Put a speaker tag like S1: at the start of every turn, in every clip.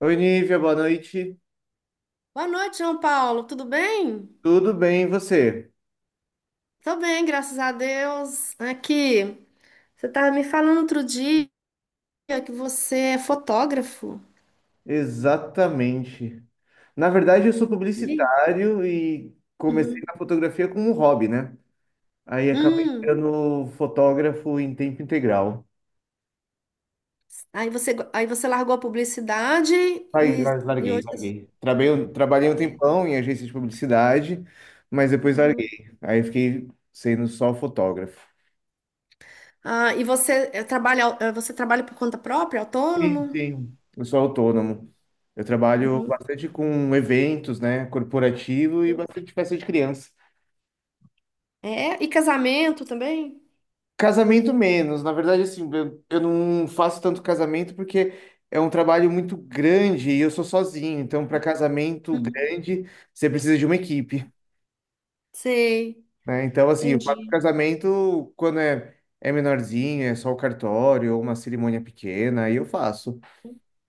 S1: Oi, Nívia, boa noite.
S2: Boa noite, João Paulo. Tudo bem?
S1: Tudo bem, e você?
S2: Tô bem, graças a Deus. Aqui, você estava me falando outro dia que você é fotógrafo.
S1: Exatamente. Na verdade, eu sou
S2: E aí?
S1: publicitário e comecei
S2: Uhum.
S1: na fotografia como um hobby, né? Aí acabei
S2: Hum.
S1: sendo fotógrafo em tempo integral.
S2: Aí você largou a publicidade
S1: Aí
S2: e, e
S1: larguei,
S2: hoje tá assim.
S1: larguei. Trabalhei, um
S2: É.
S1: tempão em agência de publicidade, mas depois
S2: Uhum.
S1: larguei. Aí fiquei sendo só fotógrafo.
S2: Ah, e você trabalha por conta própria,
S1: Sim,
S2: autônomo?
S1: sim. Eu sou autônomo. Eu trabalho
S2: Uhum.
S1: bastante com eventos, né, corporativo e bastante festa de criança.
S2: É, e casamento também?
S1: Casamento menos, na verdade, assim, eu não faço tanto casamento porque é um trabalho muito grande e eu sou sozinho, então para casamento
S2: Uhum.
S1: grande você precisa de uma equipe,
S2: Sei,
S1: né? Então, assim, eu faço
S2: entendi.
S1: casamento quando é menorzinho, é só o cartório ou uma cerimônia pequena, aí eu faço.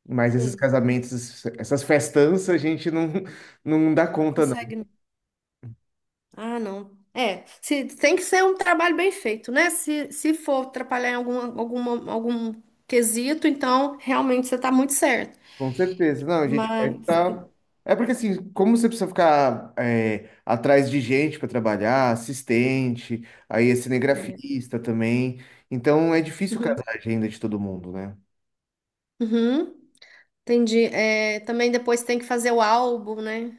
S1: Mas esses
S2: Sei.
S1: casamentos, essas festanças, a gente não dá conta.
S2: Consegue. Ah, não. É, se, tem que ser um trabalho bem feito, né? Se for atrapalhar em algum quesito, então realmente você está muito certo.
S1: Com certeza. Não, a gente vai
S2: Mas.
S1: estar. É porque assim, como você precisa ficar é, atrás de gente para trabalhar, assistente, aí é
S2: É.
S1: cinegrafista também. Então é difícil
S2: Uhum,
S1: casar a agenda de todo mundo, né?
S2: uhum, entendi. É, também depois tem que fazer o álbum, né?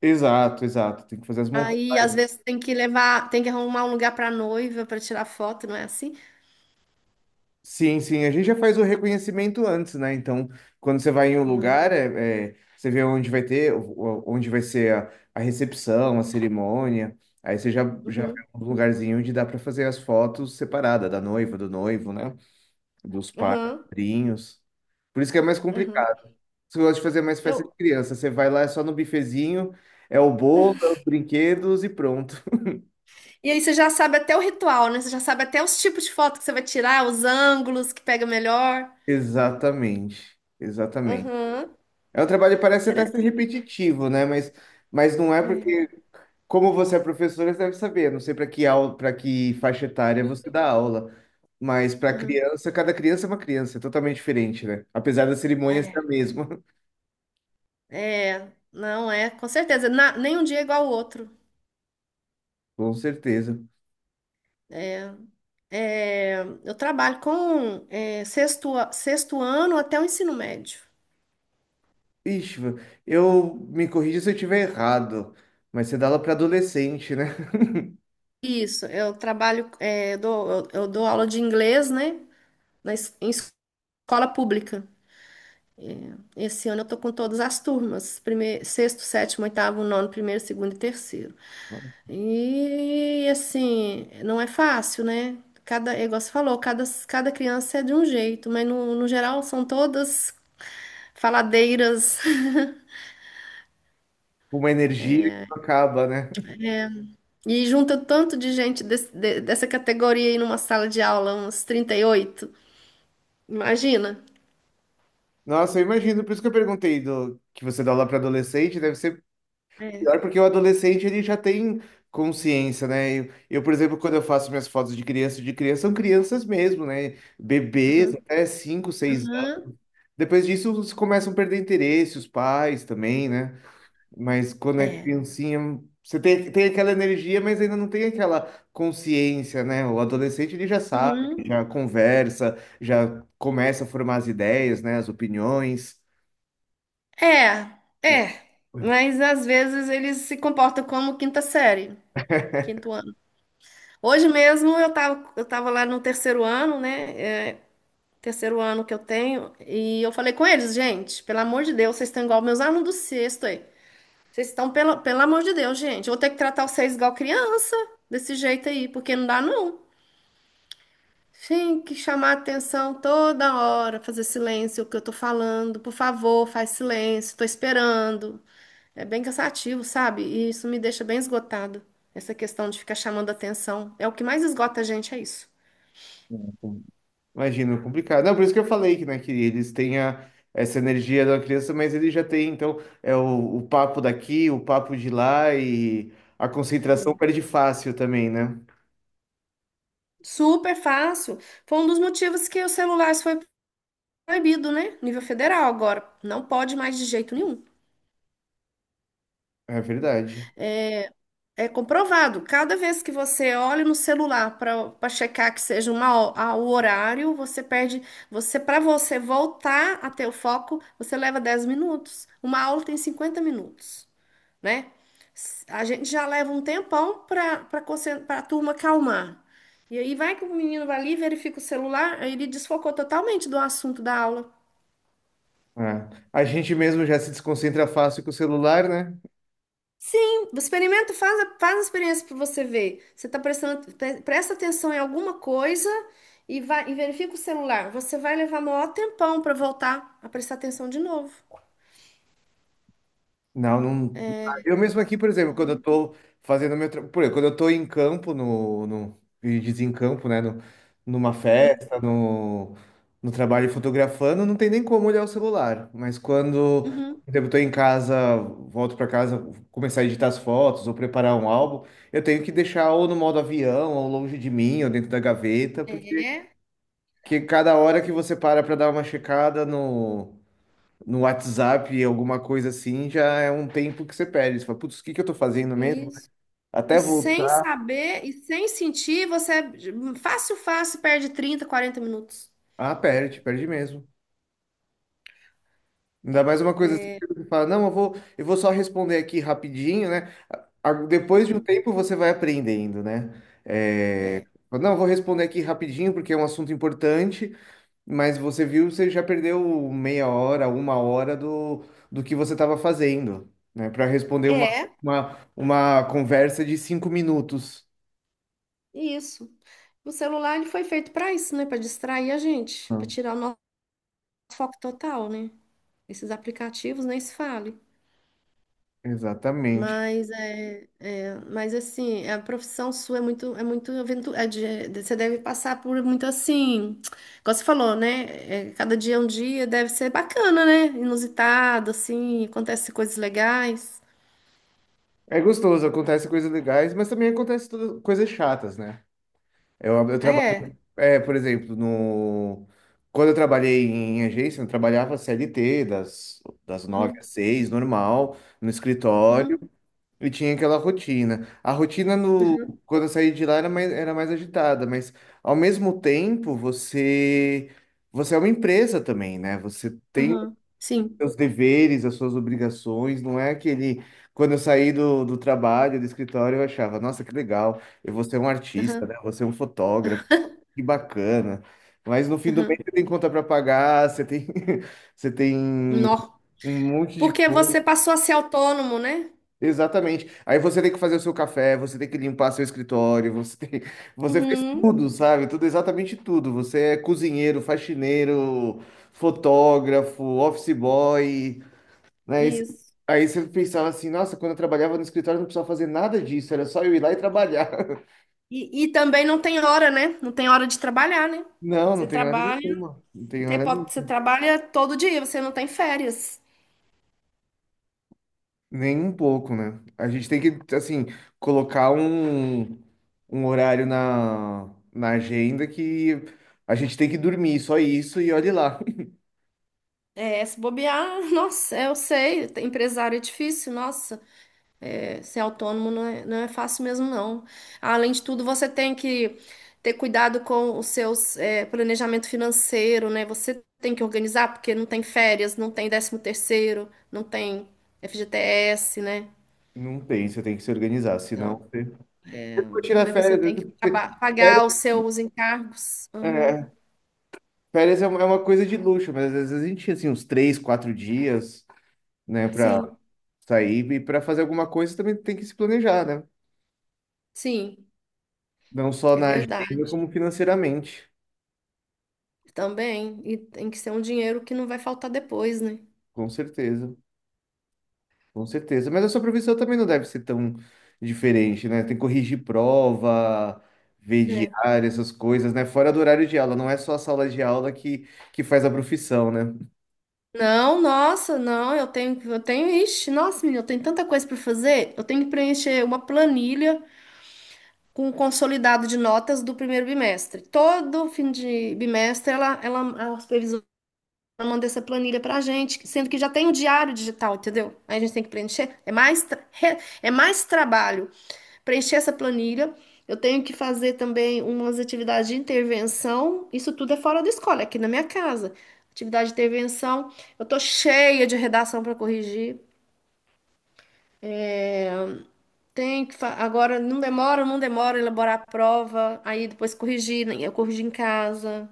S1: Exato, exato. Tem que fazer as
S2: Aí às
S1: montagens.
S2: vezes tem que arrumar um lugar para noiva para tirar foto, não é assim?
S1: Sim, sim. A gente já faz o reconhecimento antes, né? Então, quando você vai em um
S2: Uhum,
S1: lugar, você vê onde vai ter, onde vai ser a recepção, a cerimônia. Aí você já vê
S2: uhum,
S1: um lugarzinho onde dá para fazer as fotos separada da noiva, do noivo, né? Dos
S2: uhum,
S1: padrinhos. Por isso que é mais
S2: uhum.
S1: complicado. Você gosta de fazer mais festa de
S2: Eu.
S1: criança. Você vai lá, é só no bifezinho, é o bolo, é os brinquedos e pronto.
S2: E aí você já sabe até o ritual, né? Você já sabe até os tipos de foto que você vai tirar, os ângulos que pega melhor.
S1: Exatamente, exatamente.
S2: Uhum.
S1: É um trabalho que parece até
S2: Interessante.
S1: ser repetitivo, né? Mas não é
S2: É.
S1: porque, como você é professora, você deve saber. Não sei para que aula, para que faixa etária você dá aula. Mas para
S2: Uhum.
S1: criança, cada criança é uma criança, é totalmente diferente, né? Apesar da cerimônia ser a
S2: É,
S1: mesma,
S2: é, não é, com certeza. Nenhum dia é igual ao outro.
S1: com certeza.
S2: É, é, eu trabalho com sexto ano até o ensino médio.
S1: Ixi, eu me corrija se eu estiver errado, mas você dá aula para adolescente, né?
S2: Isso, eu trabalho, é, eu dou aula de inglês, né, em escola pública. Esse ano eu tô com todas as turmas, primeiro, sexto, sétimo, oitavo, nono, primeiro, segundo e terceiro. E assim, não é fácil, né? É igual você falou, cada criança é de um jeito, mas no geral são todas faladeiras.
S1: Uma energia que não acaba, né?
S2: E junta tanto de gente dessa categoria aí numa sala de aula, uns 38. Imagina.
S1: Nossa, eu imagino, por isso que eu perguntei do que você dá aula para adolescente, deve ser
S2: É.
S1: pior porque o adolescente ele já tem consciência, né? Eu, por exemplo, quando eu faço minhas fotos de criança são crianças mesmo, né? Bebês até 5, 6 anos.
S2: Aham.
S1: Depois disso, eles começam a perder interesse, os pais também, né? Mas quando é
S2: É.
S1: criancinha, você tem aquela energia, mas ainda não tem aquela consciência, né? O adolescente ele já sabe,
S2: Uhum.
S1: já conversa, já começa a formar as ideias, né? As opiniões.
S2: É, é. Mas às vezes eles se comportam como quinta série, quinto ano. Hoje mesmo eu tava lá no terceiro ano, né? É, terceiro ano que eu tenho, e eu falei com eles, gente, pelo amor de Deus, vocês estão igual meus alunos do sexto aí. Vocês estão, pelo amor de Deus, gente, eu vou ter que tratar vocês igual criança, desse jeito aí, porque não dá não. Tem que chamar atenção toda hora, fazer silêncio o que eu tô falando. Por favor, faz silêncio, tô esperando. É bem cansativo, sabe? E isso me deixa bem esgotado. Essa questão de ficar chamando atenção. É o que mais esgota a gente, é isso.
S1: Imagino, complicado. Não, por isso que eu falei que, né, que eles têm essa energia da criança, mas ele já tem, então, é o papo daqui, o papo de lá e a concentração
S2: Uhum.
S1: perde fácil também, né?
S2: Super fácil. Foi um dos motivos que os celulares foi proibido, né? Nível federal agora. Não pode mais de jeito nenhum.
S1: É verdade.
S2: É é comprovado. Cada vez que você olha no celular para checar que seja o horário, você perde. Para você voltar a ter o foco, você leva 10 minutos. Uma aula tem 50 minutos, né? A gente já leva um tempão para a turma calmar. E aí vai que o menino vai ali, verifica o celular, aí ele desfocou totalmente do assunto da aula.
S1: É. A gente mesmo já se desconcentra fácil com o celular, né?
S2: Sim, experimenta, faz a experiência para você ver. Você está presta atenção em alguma coisa e vai e verifica o celular. Você vai levar maior tempão para voltar a prestar atenção de novo.
S1: Não, não. Eu mesmo aqui, por exemplo, quando eu tô fazendo por exemplo, quando eu tô em campo no e desencampo, né, no, numa
S2: Uhum.
S1: festa, no, no trabalho fotografando, não tem nem como olhar o celular. Mas quando,
S2: Uhum.
S1: por exemplo, eu tô em casa, volto para casa, começar a editar as fotos ou preparar um álbum, eu tenho que deixar ou no modo avião, ou longe de mim, ou dentro da gaveta, porque
S2: É,
S1: que cada hora que você para dar uma checada no WhatsApp, alguma coisa assim, já é um tempo que você perde. Você fala, putz, o que que eu tô fazendo mesmo?
S2: isso. E
S1: Até
S2: sem
S1: voltar.
S2: saber e sem sentir, você fácil, fácil perde 30, 40 minutos.
S1: Ah, perde, perde mesmo. Ainda mais uma coisa assim que você fala, não, eu vou só responder aqui rapidinho, né? Depois de um
S2: Uhum.
S1: tempo você vai aprendendo, né? É,
S2: É.
S1: fala, não, eu vou responder aqui rapidinho porque é um assunto importante, mas você viu, você já perdeu meia hora, uma hora do que você estava fazendo, né? Para responder uma,
S2: É,
S1: uma, uma conversa de 5 minutos.
S2: isso. O celular ele foi feito para isso, né? Para distrair a gente, para tirar o nosso foco total, né? Esses aplicativos nem se fala.
S1: Exatamente.
S2: Mas assim, a profissão sua é muito, aventura, você deve passar por muito assim, como você falou, né? É, cada dia é um dia, deve ser bacana, né? Inusitado, assim, acontece coisas legais.
S1: É gostoso, acontece coisas legais, mas também acontece coisas chatas, né? Eu
S2: É.
S1: trabalho, por exemplo, no quando eu trabalhei em agência, eu trabalhava CLT das nove
S2: Uhum,
S1: às seis, normal, no escritório,
S2: uhum,
S1: e tinha aquela rotina. A rotina no
S2: uhum,
S1: quando eu saí de lá era mais, agitada, mas ao mesmo tempo você é uma empresa também, né? Você tem
S2: uhum. Sim.
S1: seus deveres, as suas obrigações, não é aquele. Quando eu saí do trabalho, do escritório, eu achava, nossa, que legal, eu vou ser um artista,
S2: Uhum,
S1: né? Eu vou ser um fotógrafo, que bacana. Mas no fim do mês
S2: uhum.
S1: você tem conta para pagar, você tem, você tem
S2: Nó.
S1: um monte de
S2: Porque
S1: coisa.
S2: você passou a ser autônomo, né?
S1: Exatamente. Aí você tem que fazer o seu café, você tem que limpar seu escritório, você tem, você faz
S2: Uhum,
S1: tudo, sabe? Tudo, exatamente tudo. Você é cozinheiro, faxineiro, fotógrafo, office boy, né? Aí você
S2: isso.
S1: aí você pensava assim, nossa, quando eu trabalhava no escritório eu não precisava fazer nada disso, era só eu ir lá e trabalhar.
S2: E também não tem hora, né? Não tem hora de trabalhar, né?
S1: Não, não
S2: Você
S1: tem hora
S2: trabalha.
S1: nenhuma. Não tem
S2: Você
S1: hora nenhuma.
S2: pode, você trabalha todo dia, você não tem férias.
S1: Nem um pouco, né? A gente tem que, assim, colocar um horário na agenda que a gente tem que dormir, só isso, e olhe lá.
S2: É, se bobear, nossa, eu sei, ter empresário é difícil, nossa, ser autônomo não é fácil mesmo, não. Além de tudo, você tem que ter cuidado com os seus, planejamento financeiro, né? Você tem que organizar, porque não tem férias, não tem décimo terceiro, não tem FGTS, né?
S1: Não tem, você tem que se organizar, senão
S2: Então,
S1: você ficou tirando
S2: aí você
S1: férias,
S2: tem
S1: né?
S2: que
S1: Férias,
S2: pagar os seus encargos. Uhum.
S1: é, é uma coisa de luxo, mas às vezes a gente tinha assim, uns 3, 4 dias, né, pra
S2: Sim,
S1: sair, e para fazer alguma coisa também tem que se planejar, né?
S2: sim,
S1: Não só
S2: é
S1: na agenda,
S2: verdade.
S1: como financeiramente.
S2: Também, e tem que ser um dinheiro que não vai faltar depois, né?
S1: Com certeza, com certeza. Mas a sua profissão também não deve ser tão diferente, né? Tem que corrigir prova, ver
S2: É.
S1: diário, essas coisas, né? Fora do horário de aula, não é só a sala de aula que faz a profissão, né?
S2: Não, nossa, não, eu tenho, ixi, nossa, menina, eu tenho tanta coisa para fazer. Eu tenho que preencher uma planilha com o consolidado de notas do primeiro bimestre. Todo fim de bimestre, a supervisora manda essa planilha pra gente, sendo que já tem o diário digital, entendeu? Aí a gente tem que preencher. É mais trabalho preencher essa planilha. Eu tenho que fazer também umas atividades de intervenção. Isso tudo é fora da escola, é aqui na minha casa. Atividade de intervenção. Eu tô cheia de redação para corrigir. Tenho que agora não demora elaborar a prova, aí depois corrigir, né? Eu corrijo em casa.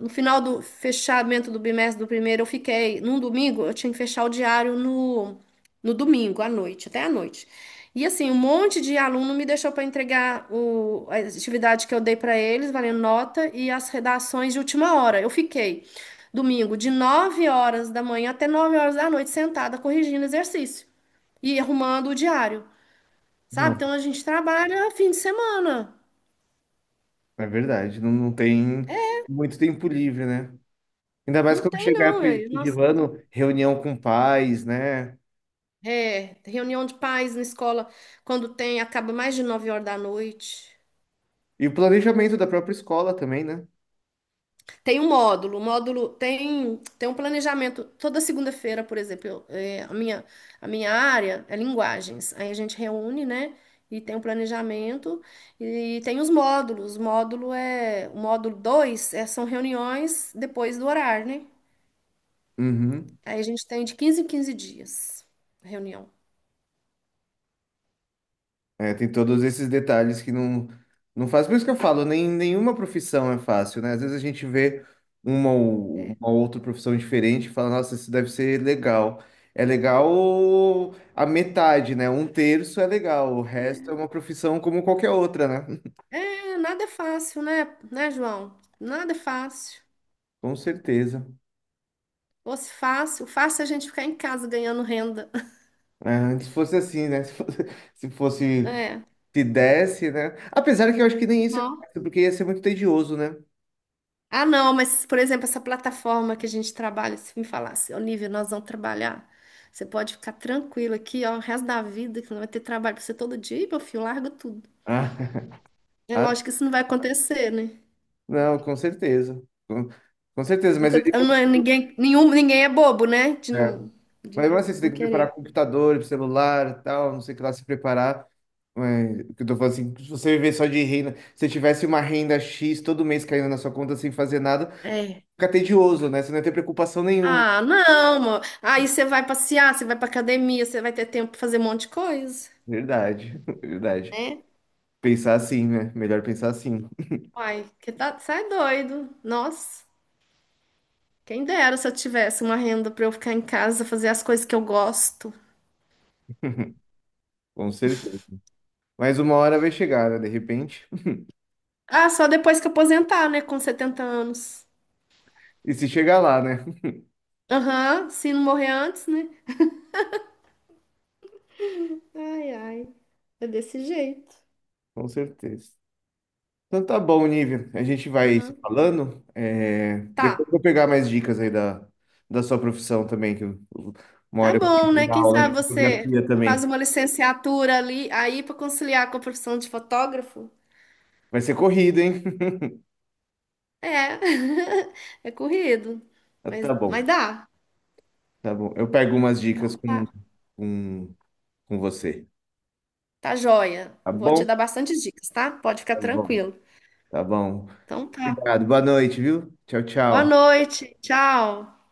S2: No final do fechamento do bimestre do primeiro, eu fiquei. Num domingo, eu tinha que fechar o diário no domingo, à noite, até à noite. E assim, um monte de aluno me deixou para entregar a atividade que eu dei para eles, valendo nota, e as redações de última hora. Eu fiquei domingo de 9 horas da manhã até 9 horas da noite, sentada, corrigindo exercício e arrumando o diário, sabe?
S1: Não,
S2: Então a gente trabalha fim de semana.
S1: é verdade. Não, não tem muito tempo livre, né? Ainda mais
S2: Não
S1: quando
S2: tem,
S1: chegar
S2: não.
S1: de
S2: Nossa.
S1: reunião com pais, né?
S2: É, reunião de pais na escola, quando tem, acaba mais de 9 horas da noite.
S1: E o planejamento da própria escola também, né?
S2: Tem um módulo, o módulo tem um planejamento. Toda segunda-feira, por exemplo, a minha área é linguagens. Aí a gente reúne, né? E tem um planejamento e tem os módulos. O módulo 2 é, são reuniões depois do horário, né?
S1: Uhum.
S2: Aí a gente tem de 15 em 15 dias a reunião.
S1: É, tem todos esses detalhes que não faz. Por isso que eu falo, nem, nenhuma profissão é fácil, né? Às vezes a gente vê uma ou uma outra profissão diferente e fala, nossa, isso deve ser legal. É legal a metade, né? Um terço é legal, o resto é uma profissão como qualquer outra, né?
S2: É, nada é fácil, né? Né, João? Nada é fácil.
S1: Com certeza.
S2: Fosse fácil, fácil a gente ficar em casa ganhando renda.
S1: É, antes fosse assim, né? Se fosse-
S2: É.
S1: se desse, né? Apesar que eu acho que nem isso é
S2: Não.
S1: fácil, porque ia ser muito tedioso, né?
S2: Ah, não, mas, por exemplo, essa plataforma que a gente trabalha, se me falasse, Olivia, nós vamos trabalhar. Você pode ficar tranquilo aqui, ó, o resto da vida, que não vai ter trabalho pra você todo dia, e meu filho, larga tudo.
S1: Ah,
S2: É
S1: ah,
S2: lógico que isso não vai acontecer, né?
S1: não, com certeza. Com com certeza, mas eu digo,
S2: Não é ninguém, ninguém é bobo, né? De
S1: é,
S2: não, de
S1: mas não assim, você
S2: não
S1: tem que preparar
S2: querer.
S1: computador, celular, e tal, não sei o que lá se preparar. Mas, o que eu tô falando assim, se você viver só de renda, se tivesse uma renda X todo mês caindo na sua conta sem fazer nada,
S2: É.
S1: fica tedioso, né? Você não ia ter preocupação nenhuma.
S2: Ah, não, amor. Aí você vai passear, você vai pra academia, você vai ter tempo pra fazer um monte de coisa,
S1: Verdade, verdade.
S2: né?
S1: Pensar assim, né? Melhor pensar assim,
S2: Uai, que tá, sai doido. Nossa, quem dera se eu tivesse uma renda pra eu ficar em casa, fazer as coisas que eu gosto.
S1: com certeza. Mas uma hora vai chegar, né? De repente.
S2: Ah, só depois que eu aposentar, né? Com 70 anos.
S1: E se chegar lá, né?
S2: Aham, se não morrer antes, né? Ai, ai, é desse jeito.
S1: Com certeza. Então tá bom, Nívia. A gente vai se
S2: Aham.
S1: falando. É,
S2: Tá,
S1: depois eu vou pegar mais dicas aí da sua profissão também, que uma
S2: tá
S1: hora eu
S2: bom,
S1: vou
S2: né?
S1: dar
S2: Quem
S1: aula de
S2: sabe você
S1: fotografia
S2: faz
S1: também.
S2: uma licenciatura ali, aí pra conciliar com a profissão de fotógrafo?
S1: Vai ser corrida, hein?
S2: É, é corrido,
S1: Ah, tá
S2: mas
S1: bom,
S2: dá.
S1: tá bom. Eu pego umas dicas
S2: Então tá.
S1: com, com você.
S2: Tá joia.
S1: Tá
S2: Eu vou te
S1: bom?
S2: dar bastante dicas, tá? Pode ficar
S1: Tá bom.
S2: tranquilo.
S1: Tá bom.
S2: Então tá.
S1: Obrigado. Boa noite, viu? Tchau,
S2: Boa
S1: tchau.
S2: noite. Tchau.